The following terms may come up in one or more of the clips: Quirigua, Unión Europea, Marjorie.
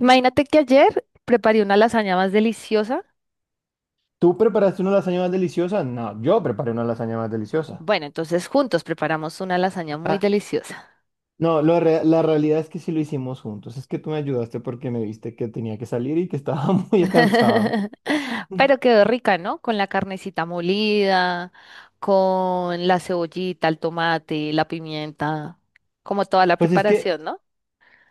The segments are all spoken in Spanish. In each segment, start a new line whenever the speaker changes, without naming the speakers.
Imagínate que ayer preparé una lasaña más deliciosa.
¿Tú preparaste una lasaña más deliciosa? No, yo preparé una lasaña más deliciosa.
Bueno, entonces juntos preparamos una lasaña muy
Ah,
deliciosa.
no, la realidad es que sí lo hicimos juntos. Es que tú me ayudaste porque me viste que tenía que salir y que estaba muy cansado.
Pero quedó rica, ¿no? Con la carnecita molida, con la cebollita, el tomate, la pimienta, como toda la
Pues es que
preparación, ¿no?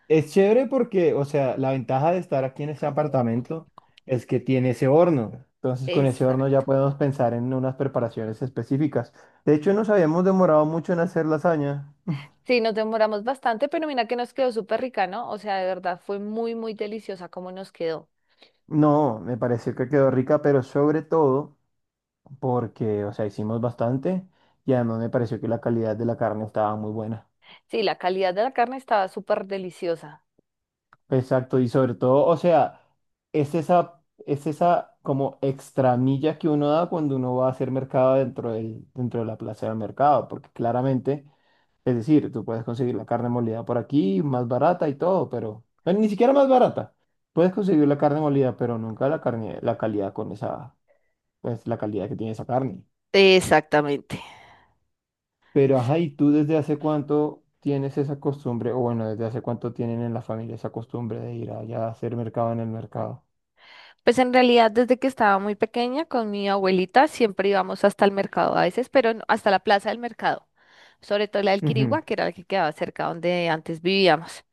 es chévere porque, o sea, la ventaja de estar aquí en este apartamento es que tiene ese horno. Entonces, con ese horno ya
Exacto.
podemos pensar en unas preparaciones específicas. De hecho, nos habíamos demorado mucho en hacer lasaña.
Sí, nos demoramos bastante, pero mira que nos quedó súper rica, ¿no? O sea, de verdad fue muy, muy deliciosa como nos quedó.
No, me pareció que quedó rica, pero sobre todo, porque, o sea, hicimos bastante y además me pareció que la calidad de la carne estaba muy buena.
Sí, la calidad de la carne estaba súper deliciosa.
Exacto, y sobre todo, o sea, es esa como extra milla que uno da cuando uno va a hacer mercado dentro de la plaza del mercado, porque claramente, es decir, tú puedes conseguir la carne molida por aquí, más barata y todo, pero, bueno, ni siquiera más barata. Puedes conseguir la carne molida, pero nunca la calidad con esa, pues la calidad que tiene esa carne.
Exactamente.
Pero, ajá, ¿y tú desde hace cuánto tienes esa costumbre? O bueno, ¿desde hace cuánto tienen en la familia esa costumbre de ir allá a hacer mercado en el mercado?
Pues en realidad desde que estaba muy pequeña con mi abuelita siempre íbamos hasta el mercado a veces, pero hasta la plaza del mercado, sobre todo la del
Ujú.
Quirigua, que era la que quedaba cerca donde antes vivíamos.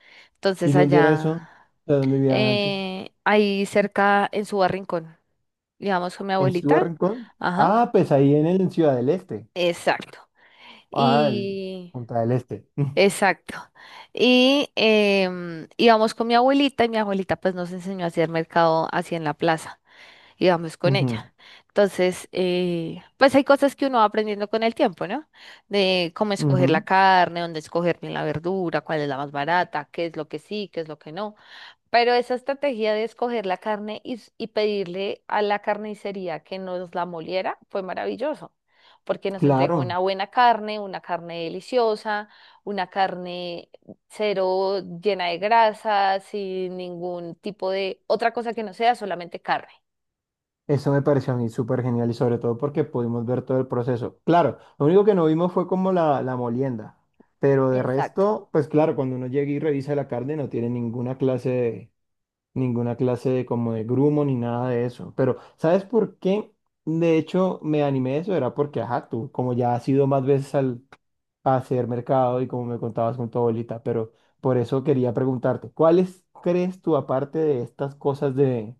¿Y
Entonces
dónde era
allá,
eso? ¿De dónde vivían antes?
ahí cerca en su barrincón, íbamos con mi
¿En su
abuelita.
Rincón?
Ajá,
Ah, pues ahí en el en Ciudad del Este.
exacto.
Ah, el-
Y,
Punta del Este.
exacto. Y íbamos con mi abuelita y mi abuelita pues nos enseñó a hacer mercado así en la plaza. Y vamos con
Ujú,
ella. Entonces, pues hay cosas que uno va aprendiendo con el tiempo, ¿no? De cómo escoger la
ujú.
carne, dónde escoger bien la verdura, cuál es la más barata, qué es lo que sí, qué es lo que no. Pero esa estrategia de escoger la carne y pedirle a la carnicería que nos la moliera fue maravilloso, porque nos entregó una
Claro.
buena carne, una carne deliciosa, una carne cero llena de grasa, sin ningún tipo de otra cosa que no sea solamente carne.
Eso me pareció a mí súper genial y sobre todo porque pudimos ver todo el proceso. Claro, lo único que no vimos fue como la molienda, pero de
Exacto.
resto, pues claro, cuando uno llega y revisa la carne no tiene ninguna clase de como de grumo ni nada de eso. Pero, ¿sabes por qué? De hecho, me animé a eso, era porque, ajá, tú, como ya has ido más veces a hacer mercado y como me contabas con tu abuelita, pero por eso quería preguntarte, ¿cuáles crees tú aparte de estas cosas de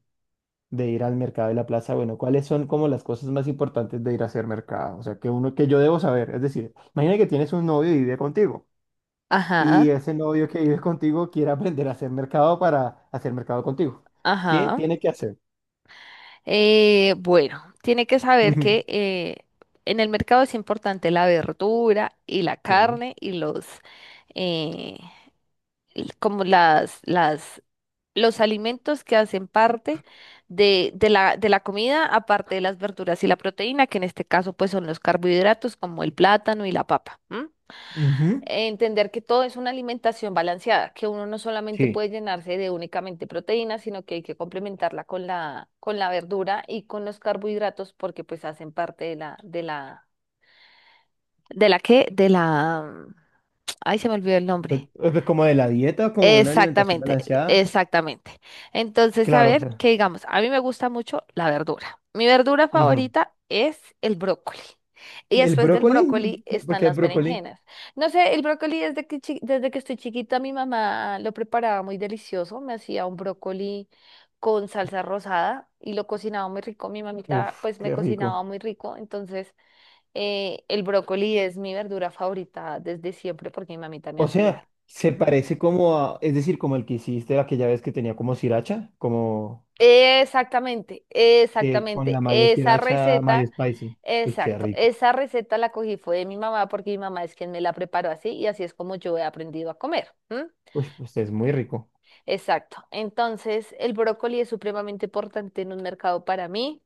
de ir al mercado de la plaza? Bueno, ¿cuáles son como las cosas más importantes de ir a hacer mercado? O sea, que uno, que yo debo saber, es decir, imagina que tienes un novio y vive contigo y
Ajá,
ese novio que vive contigo quiere aprender a hacer mercado para hacer mercado contigo. ¿Qué
ajá.
tiene que hacer?
Bueno, tiene que saber
Ujú.
que en el mercado es importante la verdura y la
Sí.
carne y los eh, el- como las, las, los alimentos que hacen parte de la comida, aparte de las verduras y la proteína, que en este caso pues son los carbohidratos como el plátano y la papa. ¿M?
Ujú.
Entender que todo es una alimentación balanceada, que uno no solamente
Sí.
puede llenarse de únicamente proteínas, sino que hay que complementarla con la verdura y con los carbohidratos porque pues hacen parte de la. ¿De la qué? De la... Ay, se me olvidó el
Pues,
nombre.
pues como de la dieta, como de una alimentación
Exactamente,
balanceada.
exactamente. Entonces, a ver,
Claro.
que digamos, a mí me gusta mucho la verdura. Mi verdura
Ujú.
favorita es el brócoli. Y
El
después del brócoli
brócoli,
están
¿porque el
las
brócoli?
berenjenas. No sé, el brócoli desde desde que estoy chiquita, mi mamá lo preparaba muy delicioso. Me hacía un brócoli con salsa rosada y lo cocinaba muy rico. Mi mamita,
Uf,
pues, me
qué
cocinaba
rico.
muy rico. Entonces, el brócoli es mi verdura favorita desde siempre porque mi mamita me
O sea,
hacía.
se parece como a, es decir, como el que hiciste aquella vez que tenía como sriracha, como
Exactamente,
que con la
exactamente.
malla
Esa
sriracha, mayo
receta,
spicy. Uy, qué
exacto,
rico.
esa receta la cogí fue de mi mamá porque mi mamá es quien me la preparó así y así es como yo he aprendido a comer. ¿M?
Uy, pues es muy rico.
Exacto. Entonces, el brócoli es supremamente importante en un mercado para mí.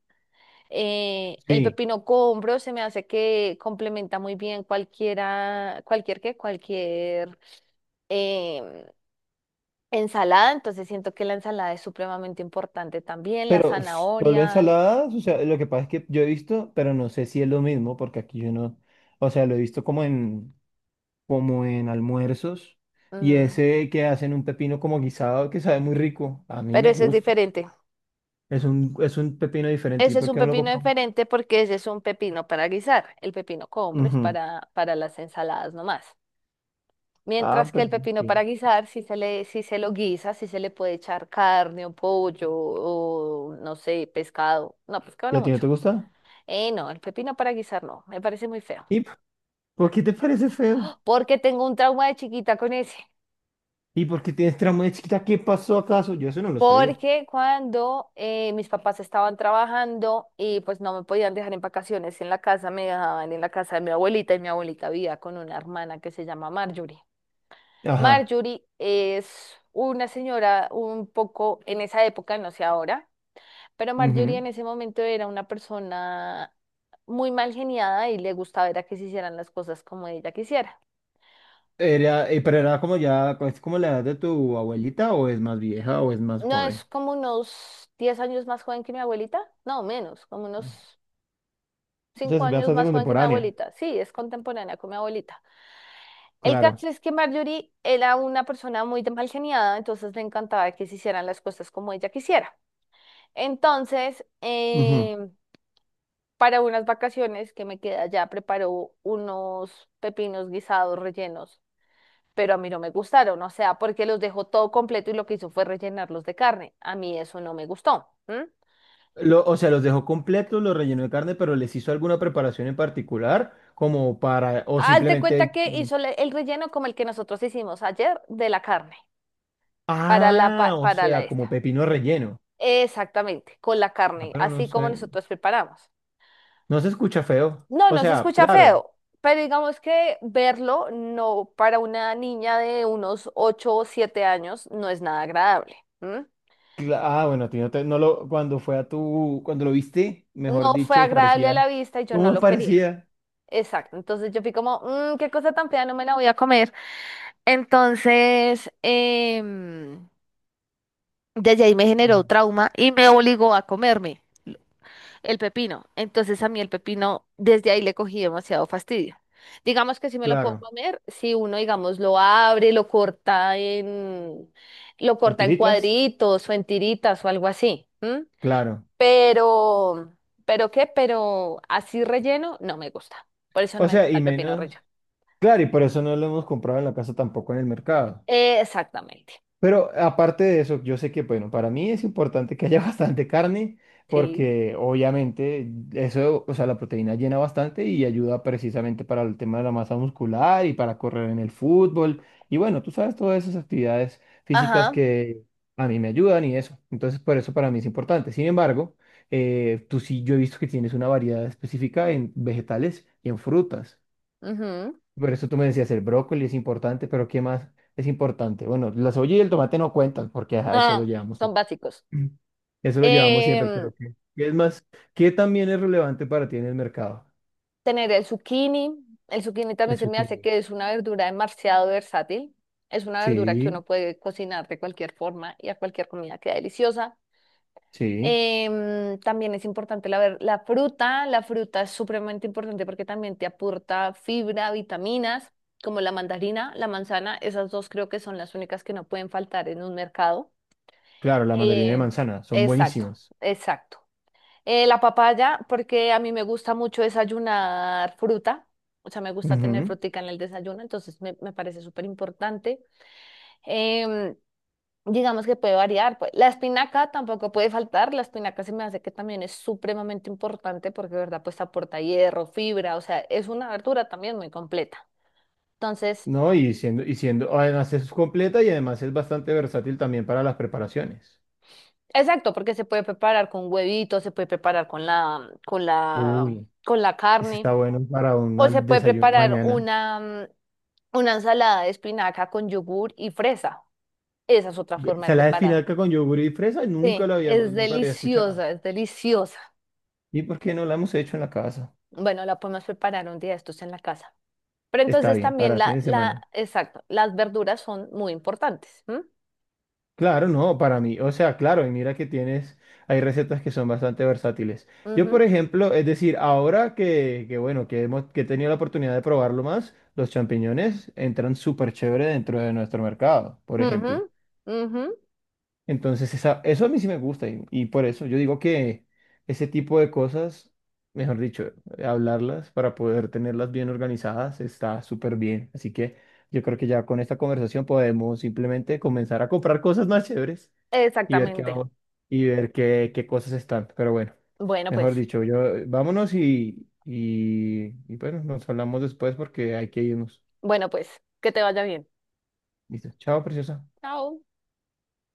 El
Sí,
pepino combro se me hace que complementa muy bien cualquier em, ensalada. Entonces, siento que la ensalada es supremamente importante también, la
pero solo
zanahoria.
ensaladas, o sea, lo que pasa es que yo he visto, pero no sé si es lo mismo, porque aquí yo no, o sea, lo he visto como en, como en almuerzos, y
Ujú.
ese que hacen un pepino como guisado que sabe muy rico, a mí
Pero
me
ese es
gusta.
diferente.
Es un pepino diferente, ¿y
Ese es
por
un
qué no lo
pepino
compramos?
diferente porque ese es un pepino para guisar. El pepino combro es
Ujú.
para las ensaladas nomás.
Ah,
Mientras que
pues
el pepino para
sí.
guisar, si se le, si se lo guisa, si se le puede echar carne o pollo o no sé, pescado. No, pescado
¿Y a
no
ti no te
mucho.
gusta?
No, el pepino para guisar no, me parece muy feo.
¿Y p- por qué te parece feo?
Porque tengo un trauma de chiquita con ese.
¿Y por qué tienes trauma de chiquita? ¿Qué pasó acaso? Yo eso no lo sabía.
Porque cuando mis papás estaban trabajando y pues no me podían dejar en vacaciones en la casa, me dejaban en la casa de mi abuelita y mi abuelita vivía con una hermana que se llama Marjorie.
Ajá.
Marjorie es una señora un poco en esa época, no sé ahora, pero Marjorie
Ujú.
en ese momento era una persona muy mal geniada y le gustaba era que se hicieran las cosas como ella quisiera.
Era, pero era como ya, es como la edad de tu abuelita, o es más vieja, o es más
No
joven.
es como unos 10 años más joven que mi abuelita, no menos, como unos cinco
Entonces,
años
bastante
más joven que mi
contemporánea.
abuelita. Sí, es contemporánea con mi abuelita. El
Claro.
caso es que Marjorie era una persona muy de mal geniada, entonces le encantaba que se hicieran las cosas como ella quisiera. Entonces,
Ujú.
para unas vacaciones que me quedé allá, preparó unos pepinos guisados rellenos, pero a mí no me gustaron, o sea, porque los dejó todo completo y lo que hizo fue rellenarlos de carne. A mí eso no me gustó. ¿M?
Lo- o sea, los dejó completos, los rellenó de carne, pero les hizo alguna preparación en particular, como para, o
Hazte
simplemente,
cuenta que hizo el relleno como el que nosotros hicimos ayer de la carne.
ah, o
Para la
sea,
esta.
como pepino relleno.
Exactamente, con la
Ah,
carne,
pero no
así como
sé,
nosotros preparamos.
no se escucha feo.
No,
O
no se
sea,
escucha
claro.
feo, pero digamos que verlo no para una niña de unos ocho o 7 años no es nada agradable. ¿M?
Cla- ah, bueno, a ti no te- no lo, cuando fue a tu, cuando lo viste, mejor
No fue
dicho,
agradable a
parecía.
la vista y yo no
¿Cómo
lo quería.
parecía?
Exacto, entonces yo fui como: "Mm, qué cosa tan fea, no me la voy a comer". Entonces, desde ahí me generó
Mm,
trauma y me obligó a comerme. El pepino. Entonces a mí el pepino, desde ahí le cogí demasiado fastidio. Digamos que si me lo puedo
Claro.
comer, si uno, digamos, lo abre, lo
¿En
corta en
tiritas?
cuadritos o en tiritas o algo así. ¿M?
Claro.
Pero, ¿Pero qué? Pero así relleno no me gusta. Por eso no
O
me
sea,
gusta
y
el pepino
menos.
relleno.
Claro, y por eso no lo hemos comprado en la casa tampoco en el mercado.
Exactamente.
Pero aparte de eso, yo sé que, bueno, para mí es importante que haya bastante carne
Sí.
porque obviamente eso, o sea, la proteína llena bastante y ayuda precisamente para el tema de la masa muscular y para correr en el fútbol. Y bueno, tú sabes todas esas actividades físicas
Ajá.
que a mí me ayudan y eso. Entonces, por eso para mí es importante. Sin embargo, tú sí, yo he visto que tienes una variedad específica en vegetales y en frutas.
Ujú.
Por eso tú me decías, el brócoli es importante, pero ¿qué más es importante? Bueno, la cebolla y el tomate no cuentan, porque ajá, eso lo
Ah,
llevamos
son
siempre.
básicos.
Mm. Eso lo llevamos siempre,
Em,
pero ¿qué es más? ¿Qué también es relevante para ti en el mercado?
tener el zucchini. El zucchini
El
también se me hace
zucchini.
que es una verdura demasiado versátil. Es una verdura que
Sí,
uno puede cocinar de cualquier forma y a cualquier comida queda deliciosa.
sí.
También es importante la fruta. La fruta es supremamente importante porque también te aporta fibra, vitaminas, como la mandarina, la manzana. Esas dos creo que son las únicas que no pueden faltar en un mercado.
Claro, la mandarina de
Eh,
manzana, son
exacto,
buenísimas.
exacto. La papaya, porque a mí me gusta mucho desayunar fruta, o sea, me gusta tener
Ujú.
frutica en el desayuno, entonces me parece súper importante. Em, digamos que puede variar, pues. La espinaca tampoco puede faltar, la espinaca se me hace que también es supremamente importante porque, de verdad, pues aporta hierro, fibra, o sea, es una verdura también muy completa. Entonces,
No, y siendo, además es completa y además es bastante versátil también para las preparaciones.
exacto, porque se puede preparar con huevito, se puede preparar
Uy,
con la
ese
carne.
está bueno para un
O se
al-
puede
desayuno
preparar
mañana.
una ensalada de espinaca con yogur y fresa. Esa es otra forma de
Ensalada de
preparar.
espinaca con yogur y fresa,
Sí, es
nunca lo había escuchado.
deliciosa, es deliciosa.
¿Y por qué no la hemos hecho en la casa?
Bueno, la podemos preparar un día de estos en la casa. Pero
Está
entonces
bien, para
también
el fin de semana.
exacto, las verduras son muy importantes. ¿M?
Claro, no, para mí. O sea, claro, y mira que tienes, hay recetas que son bastante versátiles. Yo,
Ujú,
por ejemplo, es decir, ahora que bueno, que he tenido la oportunidad de probarlo más, los champiñones entran súper chévere dentro de nuestro mercado, por
ujú,
ejemplo.
ujú,
Entonces, esa- eso a mí sí me gusta y por eso yo digo que ese tipo de cosas, mejor dicho, hablarlas para poder tenerlas bien organizadas está súper bien. Así que yo creo que ya con esta conversación podemos simplemente comenzar a comprar cosas más chéveres y ver qué
exactamente.
vamos, y ver qué, qué cosas están. Pero bueno,
Bueno,
mejor
pues,
dicho, yo vámonos y bueno, nos hablamos después porque hay que irnos.
bueno, pues, que te vaya bien.
Listo. Chao, preciosa.
Chao.